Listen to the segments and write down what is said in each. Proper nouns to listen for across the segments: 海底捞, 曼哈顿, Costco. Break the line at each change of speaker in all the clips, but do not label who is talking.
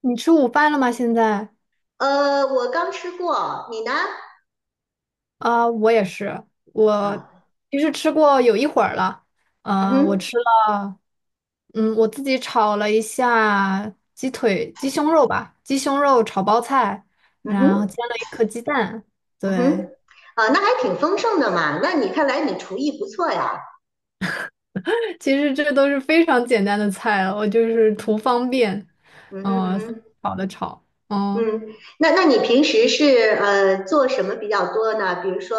你吃午饭了吗？现在
我刚吃过，你呢？
啊，我也是，我
啊。
其实吃过有一会儿了。
嗯
我
哼。
吃了，嗯，我自己炒了一下鸡腿、鸡胸肉吧，鸡胸肉炒包菜，
嗯
然后
哼。
煎了一颗鸡蛋。
嗯哼。
对，
啊，那还挺丰盛的嘛。那你看来你厨艺不错呀。
其实这都是非常简单的菜了，我就是图方便，
嗯哼。嗯
嗯、
哼。
炒的炒，
嗯，那你平时是做什么比较多呢？比如说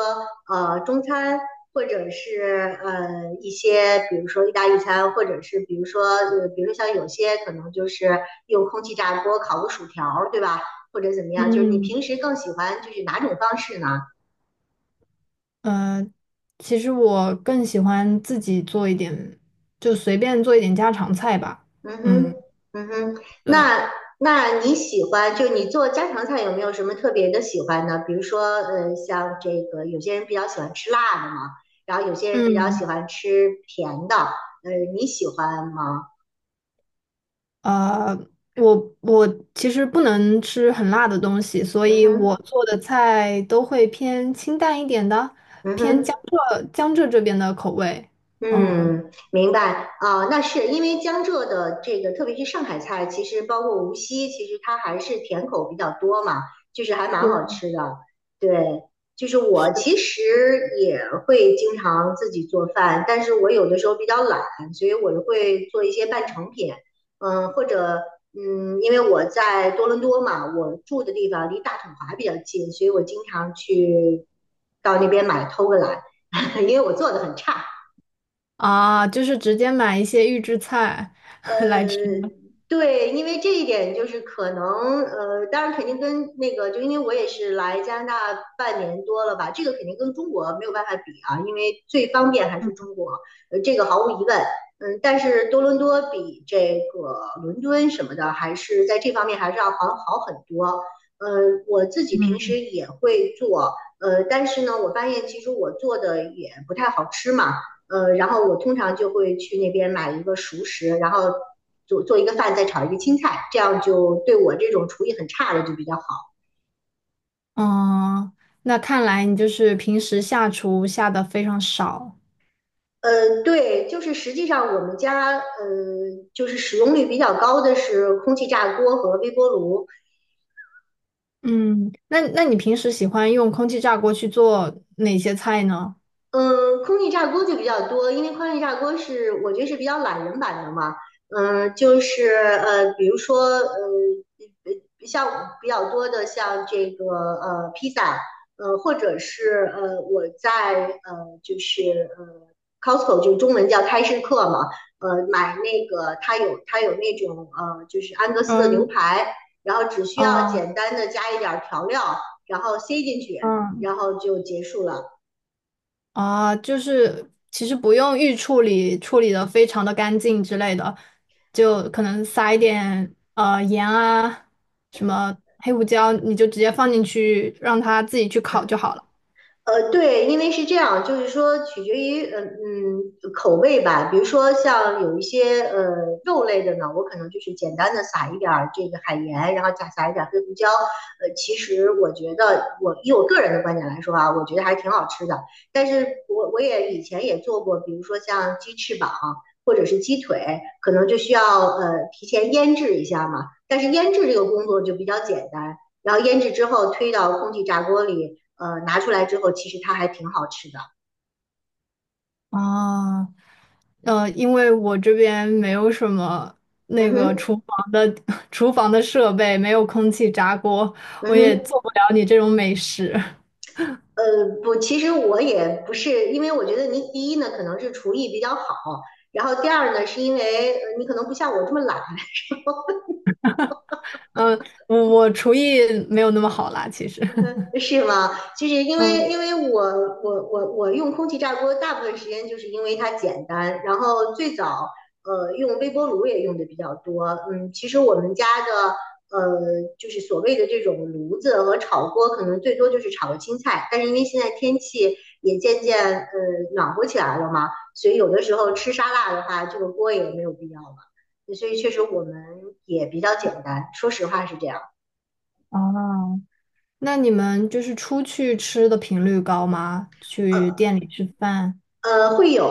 中餐，或者是一些比如说意大利餐，或者是比如说比如像有些可能就是用空气炸锅烤个薯条儿对吧？或者怎么样？就是你
嗯。
平时更喜欢就是哪种方式呢？
呃，其实我更喜欢自己做一点，就随便做一点家常菜吧。
嗯哼。
嗯，
嗯哼。
对，
那那你喜欢就你做家常菜有没有什么特别的喜欢呢？比如说，像这个有些人比较喜欢吃辣的嘛，然后有些人比较喜
嗯，
欢吃甜的，你喜欢吗？
呃，我其实不能吃很辣的东西，所
嗯
以我
哼。
做的菜都会偏清淡一点的，
嗯
偏江
哼。
浙江浙这边的口味。嗯，
嗯，明白啊，那是因为江浙的这个，特别是上海菜，其实包括无锡，其实它还是甜口比较多嘛，就是还蛮
对，
好吃的。对，就是我
是
其实也会经常自己做饭，但是我有的时候比较懒，所以我就会做一些半成品，或者因为我在多伦多嘛，我住的地方离大统华比较近，所以我经常去到那边买偷个懒，因为我做的很差。
啊，就是直接买一些预制菜 来吃。
呃，对，因为这一点就是可能，当然肯定跟那个，就因为我也是来加拿大半年多了吧，这个肯定跟中国没有办法比啊，因为最方便还是中国，这个毫无疑问。但是多伦多比这个伦敦什么的，还是在这方面还是要好好很多。呃，我自己平时
嗯，
也会做，但是呢，我发现其实我做的也不太好吃嘛。然后我通常就会去那边买一个熟食，然后做一个饭，再炒一个青菜，这样就对我这种厨艺很差的就比较好。
嗯，那看来你就是平时下厨下的非常少。
对，就是实际上我们家就是使用率比较高的是空气炸锅和微波炉。
嗯，那你平时喜欢用空气炸锅去做哪些菜呢？
嗯，空气炸锅就比较多，因为空气炸锅是我觉得是比较懒人版的嘛。就是比如说像比较多的像这个披萨，或者是我在就是Costco 就中文叫开市客嘛，买那个它有那种就是安格斯的牛
嗯，
排，然后只需要
啊，
简单的加一点儿调料，然后塞进去，
嗯，
然后就结束了。
啊，就是其实不用预处理，处理的非常的干净之类的，就可能撒一点盐啊，什么黑胡椒，你就直接放进去，让它自己去烤就好了。
对，因为是这样，就是说取决于口味吧。比如说像有一些肉类的呢，我可能就是简单的撒一点儿这个海盐，然后加撒一点儿黑胡椒。其实我觉得我以我个人的观点来说啊，我觉得还挺好吃的。但是我也以前也做过，比如说像鸡翅膀或者是鸡腿，可能就需要提前腌制一下嘛。但是腌制这个工作就比较简单。然后腌制之后推到空气炸锅里，拿出来之后，其实它还挺好吃的。
啊。因为我这边没有什么
嗯
那个
哼。
厨房的 厨房的设备，没有空气炸锅，
嗯
我也
哼。
做不了你这种美食。
不，其实我也不是，因为我觉得你第一呢，可能是厨艺比较好，然后第二呢，是因为你可能不像我这么懒，
嗯，我厨艺没有那么好啦，其实。
是吗？其实因为
嗯，
因为我用空气炸锅大部分时间就是因为它简单，然后最早用微波炉也用的比较多。嗯，其实我们家的就是所谓的这种炉子和炒锅，可能最多就是炒个青菜，但是因为现在天气也渐渐暖和起来了嘛，所以有的时候吃沙拉的话，这个锅也没有必要了。所以确实我们也比较简单，说实话是这样。
哦，那你们就是出去吃的频率高吗？去
呃，
店里吃饭？
会有，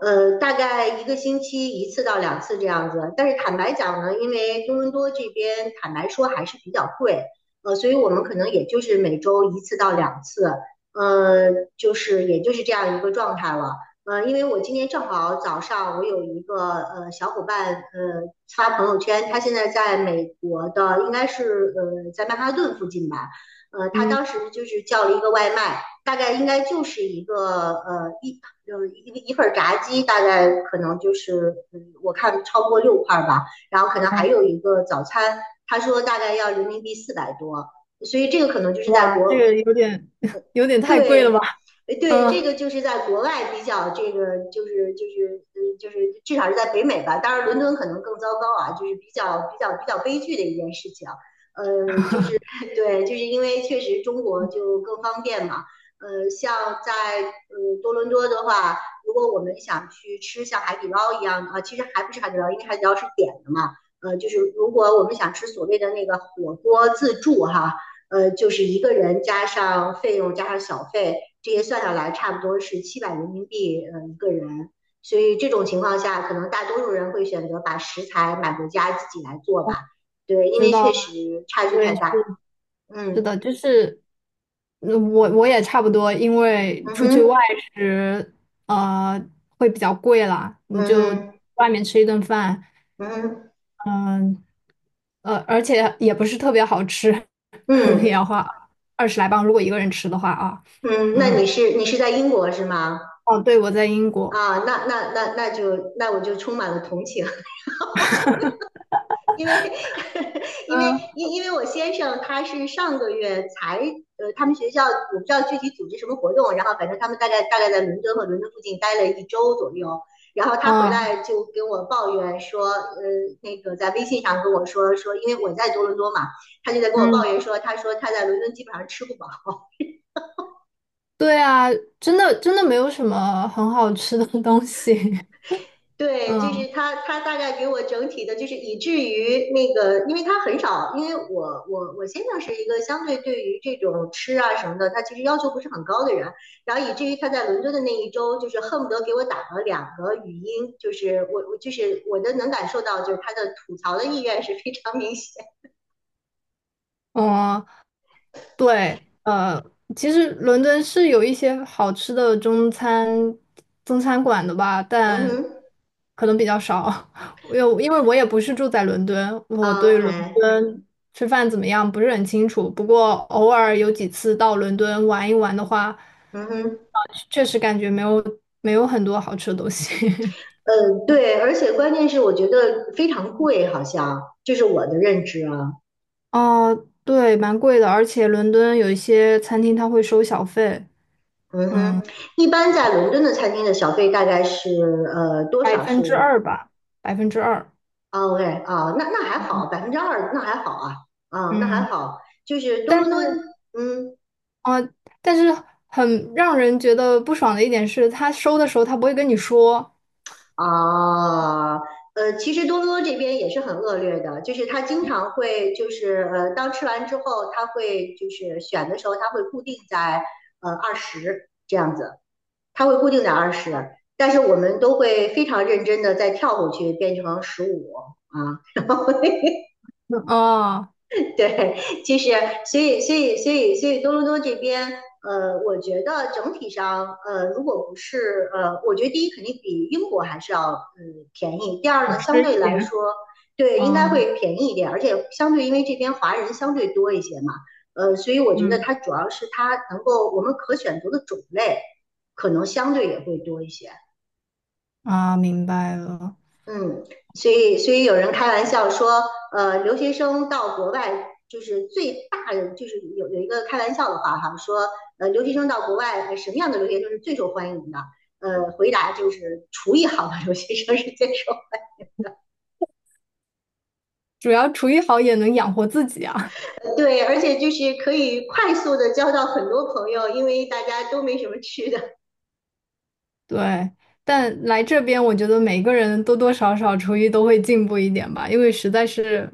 大概一个星期一次到两次这样子。但是坦白讲呢，因为多伦多这边坦白说还是比较贵，所以我们可能也就是每周一次到两次，呃，就是也就是这样一个状态了。因为我今天正好早上我有一个小伙伴发朋友圈，他现在在美国的，应该是在曼哈顿附近吧，他
嗯，
当时就是叫了一个外卖，大概应该就是一个呃一就是一一份炸鸡大概可能就是我看超过6块吧，然后可能
啊，
还有一个早餐，他说大概要人民币400多，所以这个可能就是在
哇，这
国。
个有点 有点太贵了吧？
对。对，这
嗯，
个就是在国外比较，这个就是至少是在北美吧。当然，伦敦可能更糟糕啊，就是比较悲剧的一件事情。对，就是因为确实中国就更方便嘛。像在多伦多的话，如果我们想去吃像海底捞一样的啊，其实还不是海底捞，因为海底捞是点的嘛。就是如果我们想吃所谓的那个火锅自助哈，就是一个人加上费用加上小费，这些算下来差不多是700人民币一个人。所以这种情况下，可能大多数人会选择把食材买回家自己来做吧。对，因
知
为
道
确
了，
实差距太
对。
大。
是
嗯
的，就是嗯我也差不多，因为
嗯
出去外
哼。
食，呃，会比较贵啦。你
嗯
就
哼。
外面吃一顿饭，
嗯哼。
而且也不是特别好吃，可能也
嗯
要花20来磅，如果一个人吃的话啊。
嗯。那
嗯，
你是在英国是吗？
哦，对，我在英国。
啊，那我就充满了同情，因为 因为
嗯
因为我先生他是上个月才他们学校我不知道具体组织什么活动，然后反正他们大概在伦敦和伦敦附近待了一周左右，然后他回
嗯
来就跟我抱怨说，那个在微信上跟我说，因为我在多伦多嘛，他就在跟我抱
嗯，
怨说，他说他在伦敦基本上吃不饱。
对啊，真的真的没有什么很好吃的东西。
对，
嗯
就是他，他大概给我整体的，就是以至于那个，因为他很少，因为我先生是一个相对对于这种吃啊什么的，他其实要求不是很高的人，然后以至于他在伦敦的那一周，就是恨不得给我打了两个语音，就是我就是我的能感受到，就是他的吐槽的意愿是非常明显。
嗯，对，其实伦敦是有一些好吃的中餐馆的吧，
嗯
但
哼。
可能比较少。因为我也不是住在伦敦，我
啊
对伦
，OK。
敦吃饭怎么样不是很清楚。不过偶尔有几次到伦敦玩一玩的话，
嗯哼。
确实感觉没有很多好吃的东西。
嗯，对，而且关键是我觉得非常贵，好像这是我的认知啊。
哦，对，蛮贵的，而且伦敦有一些餐厅它会收小费，
嗯
嗯，
哼。一般在伦敦的餐厅的小费大概是多
百
少
分之
是
二吧，百分之二，
啊？OK 啊，那还好，2%那还好啊。啊，那
嗯。
还好，就是多
但
伦多。
是，
嗯
啊，但是很让人觉得不爽的一点是，他收的时候他不会跟你说，
啊其实多伦多这边也是很恶劣的，就是他经常会就是当吃完之后，他会就是选的时候，他会固定在二十这样子，他会固定在二十，但是我们都会非常认真的再跳过去变成15啊。
啊，
对，其实所以多伦多这边，我觉得整体上，如果不是我觉得第一肯定比英国还是要便宜，第二
好
呢，相
吃一
对来
点，
说，对，应该
啊，
会便宜一点，而且相对因为这边华人相对多一些嘛，所以我觉得
嗯，
它主要是它能够我们可选择的种类可能相对也会多一些。
啊，明白了，
嗯，所以有人开玩笑说，留学生到国外就是最大的，就是有一个开玩笑的话哈，说留学生到国外，什么样的留学生是最受欢迎的？回答就是厨艺好的留学生是最受欢
主要厨艺好也能养活自己啊，
迎的，对，而且就是可以快速的交到很多朋友，因为大家都没什么吃的。
对。但来这边，我觉得每个人多多少少厨艺都会进步一点吧，因为实在是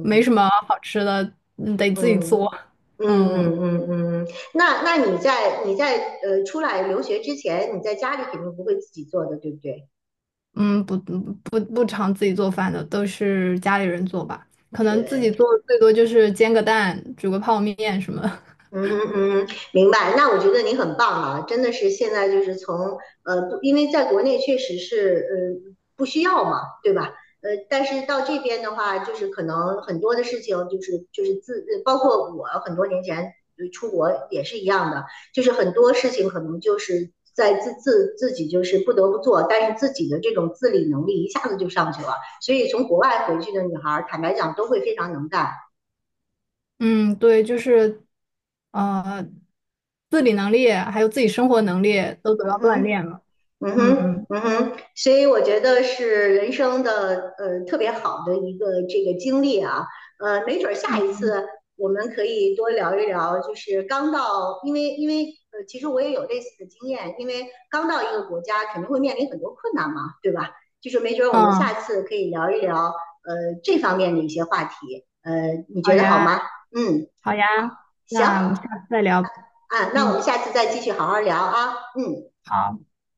没什么好吃的，嗯得自己做，
嗯嗯
嗯。
嗯嗯嗯，那你在出来留学之前，你在家里肯定不会自己做的，对不对？
嗯，不常自己做饭的，都是家里人做吧。可能自己做
对。
最多就是煎个蛋、煮个泡面什么的
嗯哼。嗯哼。明白。那我觉得你很棒啊，真的是现在就是从不因为在国内确实是不需要嘛，对吧？但是到这边的话，就是可能很多的事情就是就是自，呃包括我很多年前出国也是一样的，就是很多事情可能就是在自己就是不得不做，但是自己的这种自理能力一下子就上去了，所以从国外回去的女孩儿，坦白讲都会非常能干。
嗯，对，就是呃，自理能力还有自己生活能力都得到
嗯
锻
哼。
炼了。
嗯哼。
嗯
嗯哼。所以我觉得是人生的特别好的一个这个经历啊，没准儿下
嗯
一次我们可以多聊一聊，就是刚到，因为其实我也有类似的经验，因为刚到一个国家肯定会面临很多困难嘛，对吧？就是没准儿我们
嗯，
下次可以聊一聊这方面的一些话题，你
好
觉得好吗？
呀，
嗯，
好呀，
好，行啊，
那我们下次再聊。
那我们
嗯，
下次再继续好好聊啊，嗯。
好。